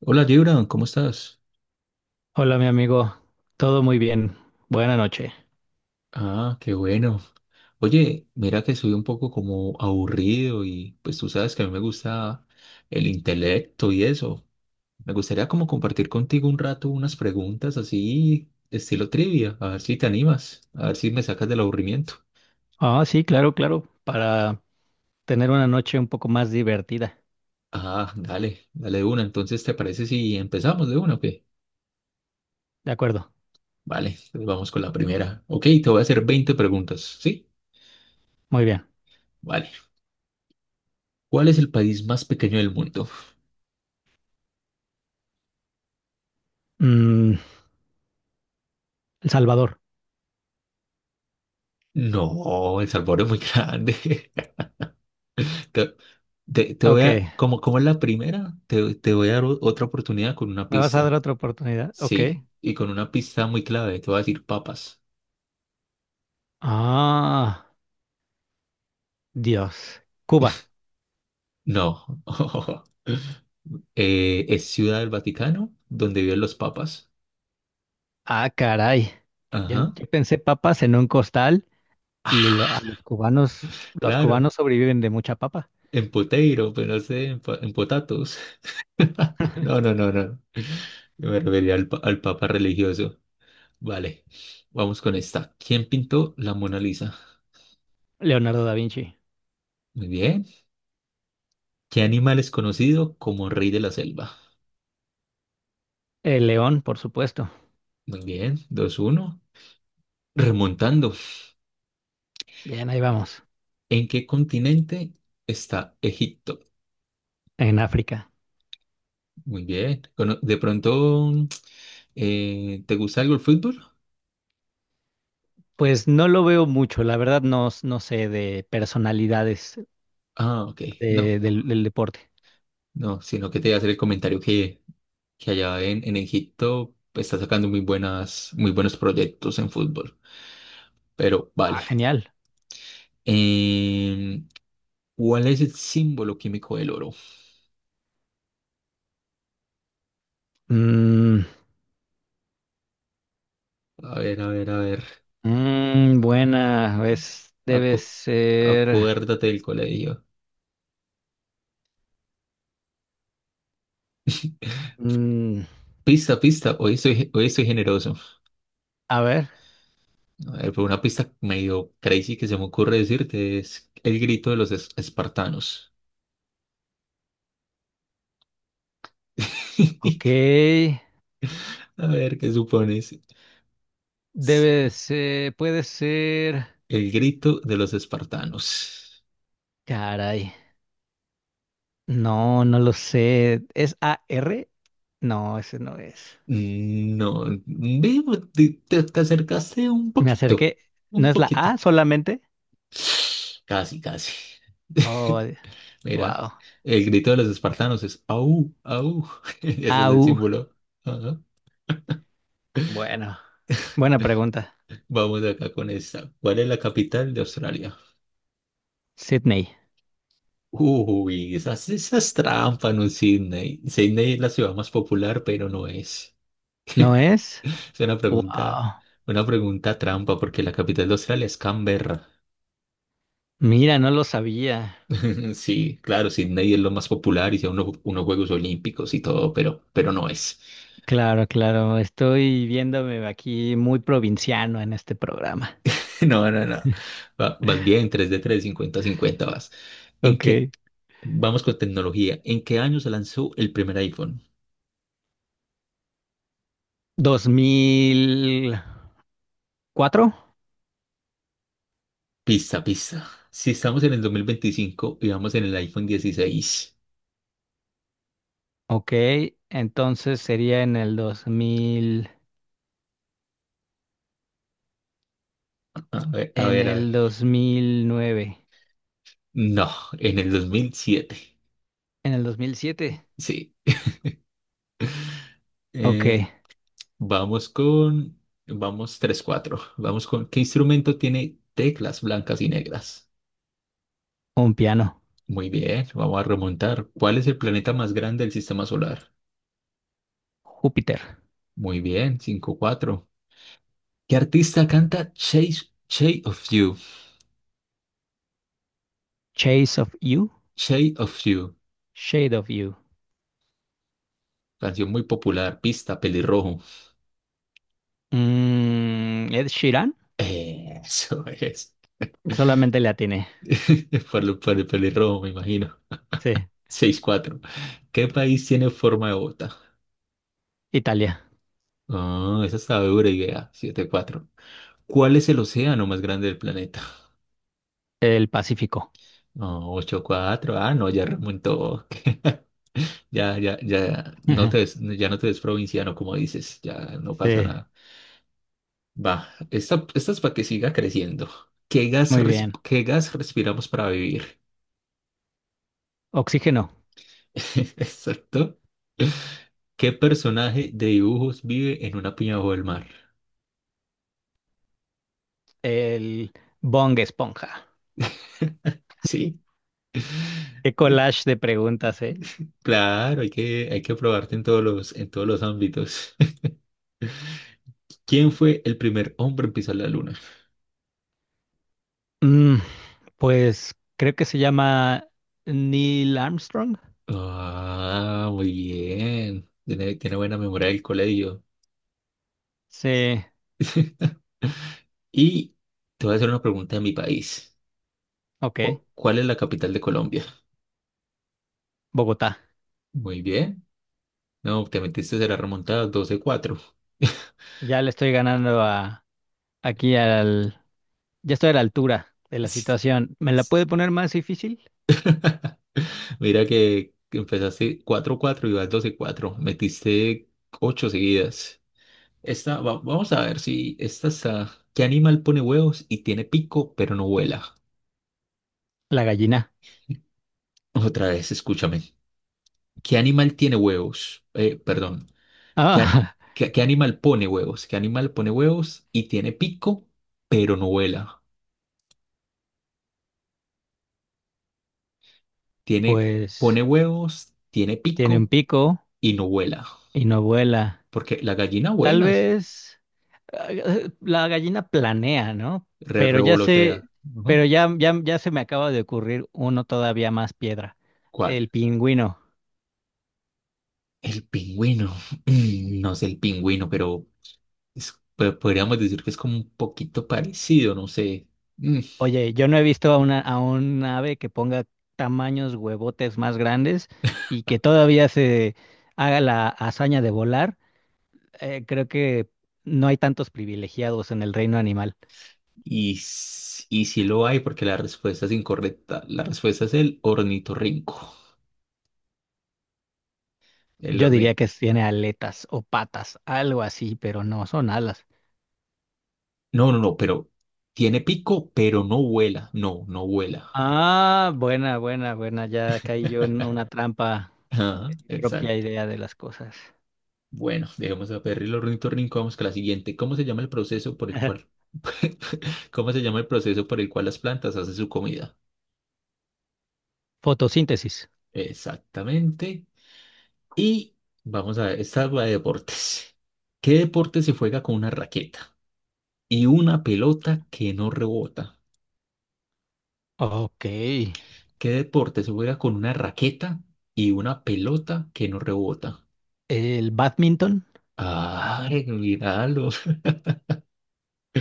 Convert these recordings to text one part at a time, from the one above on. Hola, Gibran, ¿cómo estás? Hola, mi amigo. Todo muy bien. Buena noche. Ah, qué bueno. Oye, mira que soy un poco como aburrido y pues tú sabes que a mí me gusta el intelecto y eso. Me gustaría como compartir contigo un rato unas preguntas así, estilo trivia, a ver si te animas, a ver si me sacas del aburrimiento. Ah, sí, claro, claro. Para tener una noche un poco más divertida. Ah, dale, dale de una. Entonces, ¿te parece si empezamos de una o qué? De acuerdo. Vale, entonces vamos con la primera. Ok, te voy a hacer 20 preguntas, ¿sí? Muy bien. Vale. ¿Cuál es el país más pequeño del mundo? Mm, El Salvador. No, El Salvador es muy grande. Te, te voy Ok. a, como es la primera, te voy a dar otra oportunidad con una ¿Me vas a dar pista. otra oportunidad? Ok. Sí, y con una pista muy clave, te voy a decir papas. Ah, Dios. Cuba. No. Es Ciudad del Vaticano, donde viven los papas. Ah, caray. Yo, en- Ajá. yo pensé papas en un costal y lo- a los Ah, cubanos, los claro, cubanos sobreviven de mucha papa. en Poteiro, pero no sé, en Potatos. No, no, no, no. Yo me refería al papa religioso. Vale, vamos con esta. ¿Quién pintó la Mona Lisa? Leonardo da Vinci. Muy bien. ¿Qué animal es conocido como rey de la selva? El león, por supuesto. Muy bien. 2-1. Remontando. Bien, ahí vamos. ¿En qué continente está Egipto? En África. Muy bien. ¿De pronto te gusta algo el fútbol? Pues no lo veo mucho, la verdad no, no sé de personalidades Ah, ok. No, del deporte. no, sino que te iba a hacer el comentario que allá en Egipto pues, está sacando muy buenas, muy buenos proyectos en fútbol. Pero Ah, vale. genial. Em, ¿Cuál es el símbolo químico del oro? Mm, A ver, a ver, a ver. Buena, es, Ah, debe ser. acuérdate del colegio. mm, Pista, pista. Hoy estoy generoso. a ver, A ver, pero una pista medio crazy que se me ocurre decirte es el grito de los espartanos. ok. A ver, ¿qué supones? Debe ser, puede ser. El grito de los espartanos. Caray, no, no lo sé. ¿Es AR? No, Ese no es. No, ve, te acercaste un Me poquito, acerqué. ¿No un es la poquito. A solamente? Casi, casi. Oh, Mira, wow. el grito de los espartanos es au, au. Ese A es el U. símbolo. Ajá. Bueno, buena pregunta. Vamos acá con esta. ¿Cuál es la capital de Australia? Sydney, Uy, esas trampas, no es Sydney. Sydney es la ciudad más popular, pero no es. ¿no es? Es una Wow, pregunta, una pregunta trampa, porque la capital de Australia es Canberra. mira, no lo sabía. Sí, claro, Sydney es lo más popular y sea unos Juegos Olímpicos y todo, pero no es. Claro, claro, estoy viéndome aquí muy provinciano en este programa. No, no, no. Vas bien, 3 de tres, cincuenta cincuenta vas. ¿En qué? Ok. Vamos con tecnología. ¿En qué año se lanzó el primer iPhone? ¿2004? Pista, pista. Si estamos en el 2025 y vamos en el iPhone 16. Ok, entonces sería en el 2000, A ver, a en ver, a ver. el 2009, No, en el 2007. en el 2007. Sí. Ok, Eh, vamos con... Vamos 3-4. ¿Qué instrumento tiene teclas blancas y negras? un piano. Muy bien, vamos a remontar. ¿Cuál es el planeta más grande del sistema solar? Júpiter. Muy bien, 5-4. ¿Qué artista canta Shape of You? Chase of You, Shape of You. Shade of You. Canción muy popular, pista, pelirrojo. Ed Sheeran, Eso es. solamente le atiné. Por el pelirrojo, me imagino. Sí, 6-4. ¿Qué país tiene forma de bota? Italia. Ah, esa está dura idea. 7-4. ¿Cuál es el océano más grande del planeta? El Pacífico. Oh, 8-4. Ah, no, ya remontó. Ya, ya, ya. Ya no te ves provinciano, como dices. Ya no pasa Sí, nada. Va. Esta es para que siga creciendo. Muy bien. ¿Qué gas respiramos para vivir? Oxígeno. Exacto. ¿Qué personaje de dibujos vive en una piña bajo el mar? El Bong Esponja. Sí, Qué collage de preguntas, ¿eh? claro, hay que probarte en todos los ámbitos. ¿Quién fue el primer hombre en pisar la luna? Mm, pues creo que se llama Neil Armstrong. Ah, muy bien. Tiene buena memoria del colegio. Sí, Y te voy a hacer una pregunta de mi país. ok. ¿Cuál es la capital de Colombia? Bogotá. Muy bien. No, te metiste de la remontada 12-4. Ya le estoy ganando a aquí al. Ya estoy a la altura de la situación. ¿Me la puede poner más difícil? Mira que empezaste 4-4 y vas 12-4. Metiste 8 seguidas. Vamos a ver si esta está. ¿Qué animal pone huevos y tiene pico pero no vuela? La gallina. Otra vez, escúchame. ¿Qué animal tiene huevos? Perdón. ¿Qué, a- Ah, ¿Qué animal pone huevos? ¿Qué animal pone huevos y tiene pico pero no vuela? Tiene, pues Pone huevos, tiene tiene un pico pico y no vuela. y no vuela. Porque la gallina Tal vuela, vez la gallina planea, ¿no? re- Pero ya sé, revolotea. pero Ujú. ya, ya, ya se me acaba de ocurrir uno todavía más piedra, ¿Cuál? el pingüino. El pingüino. No sé el pingüino, pero podríamos decir que es como un poquito parecido, no sé. Mm, Oye, yo no he visto a un ave que ponga tamaños huevotes más grandes y que todavía se haga la hazaña de volar. Creo que no hay tantos privilegiados en el reino animal. y sí lo hay porque la respuesta es incorrecta. La respuesta es el ornitorrinco. El Yo diría orni- que tiene aletas o patas, algo así, pero no son alas. No, no, no, pero tiene pico, pero no vuela. No, no vuela. Ah, buena, buena, buena. Ya caí yo en una trampa, Ajá, mi propia exacto. idea de las cosas. Bueno, dejemos a Perry el ornitorrinco. Vamos con la siguiente. ¿Cómo se llama el proceso por el cual, cómo se llama el proceso por el cual las plantas hacen su comida? Fotosíntesis. Exactamente. Y vamos a ver, esta es la de deportes. ¿Qué deporte se juega con una raqueta y una pelota que no rebota? Ok. ¿Qué deporte se juega con una raqueta y una pelota que no rebota? El badminton. Ay, míralo.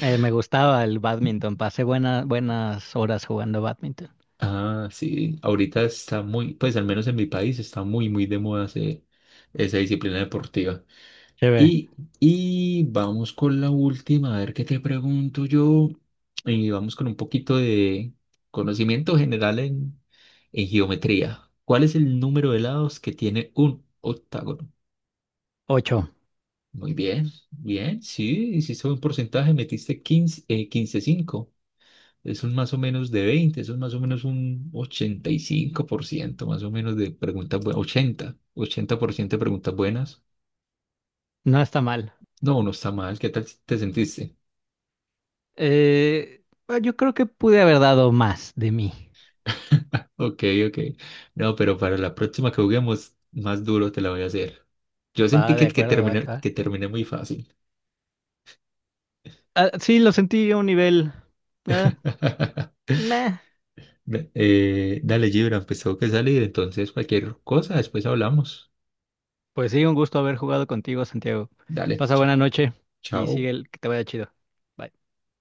Me gustaba el badminton. Pasé buenas horas jugando badminton. Ah, sí, ahorita está muy, pues al menos en mi país está muy, muy de moda esa disciplina deportiva. Chévere. Y, y vamos con la última, a ver qué te pregunto yo. Y vamos con un poquito de conocimiento general en geometría. ¿Cuál es el número de lados que tiene un octágono? Ocho. Muy bien, bien, sí, hiciste un porcentaje, metiste 15 15,5. Eso es un más o menos de 20 Eso es más o menos un 85% más o menos de preguntas buenas, 80% de preguntas buenas. No está mal. No, no está mal, ¿qué tal si te sentiste? Bueno, yo creo que pude haber dado más de mí. Ok, ok. No, pero para la próxima que juguemos, más duro te la voy a hacer. Yo sentí Va, de que, que acuerdo, va, que terminé, va. que terminé muy fácil. Ah, sí, lo sentí a un nivel. eh, meh. Dale, Gibran, pues tengo que salir, entonces cualquier cosa, después hablamos. Pues sí, un gusto haber jugado contigo, Santiago. Dale, Pasa ch- buena noche y chao. sigue el que te vaya chido. Bye.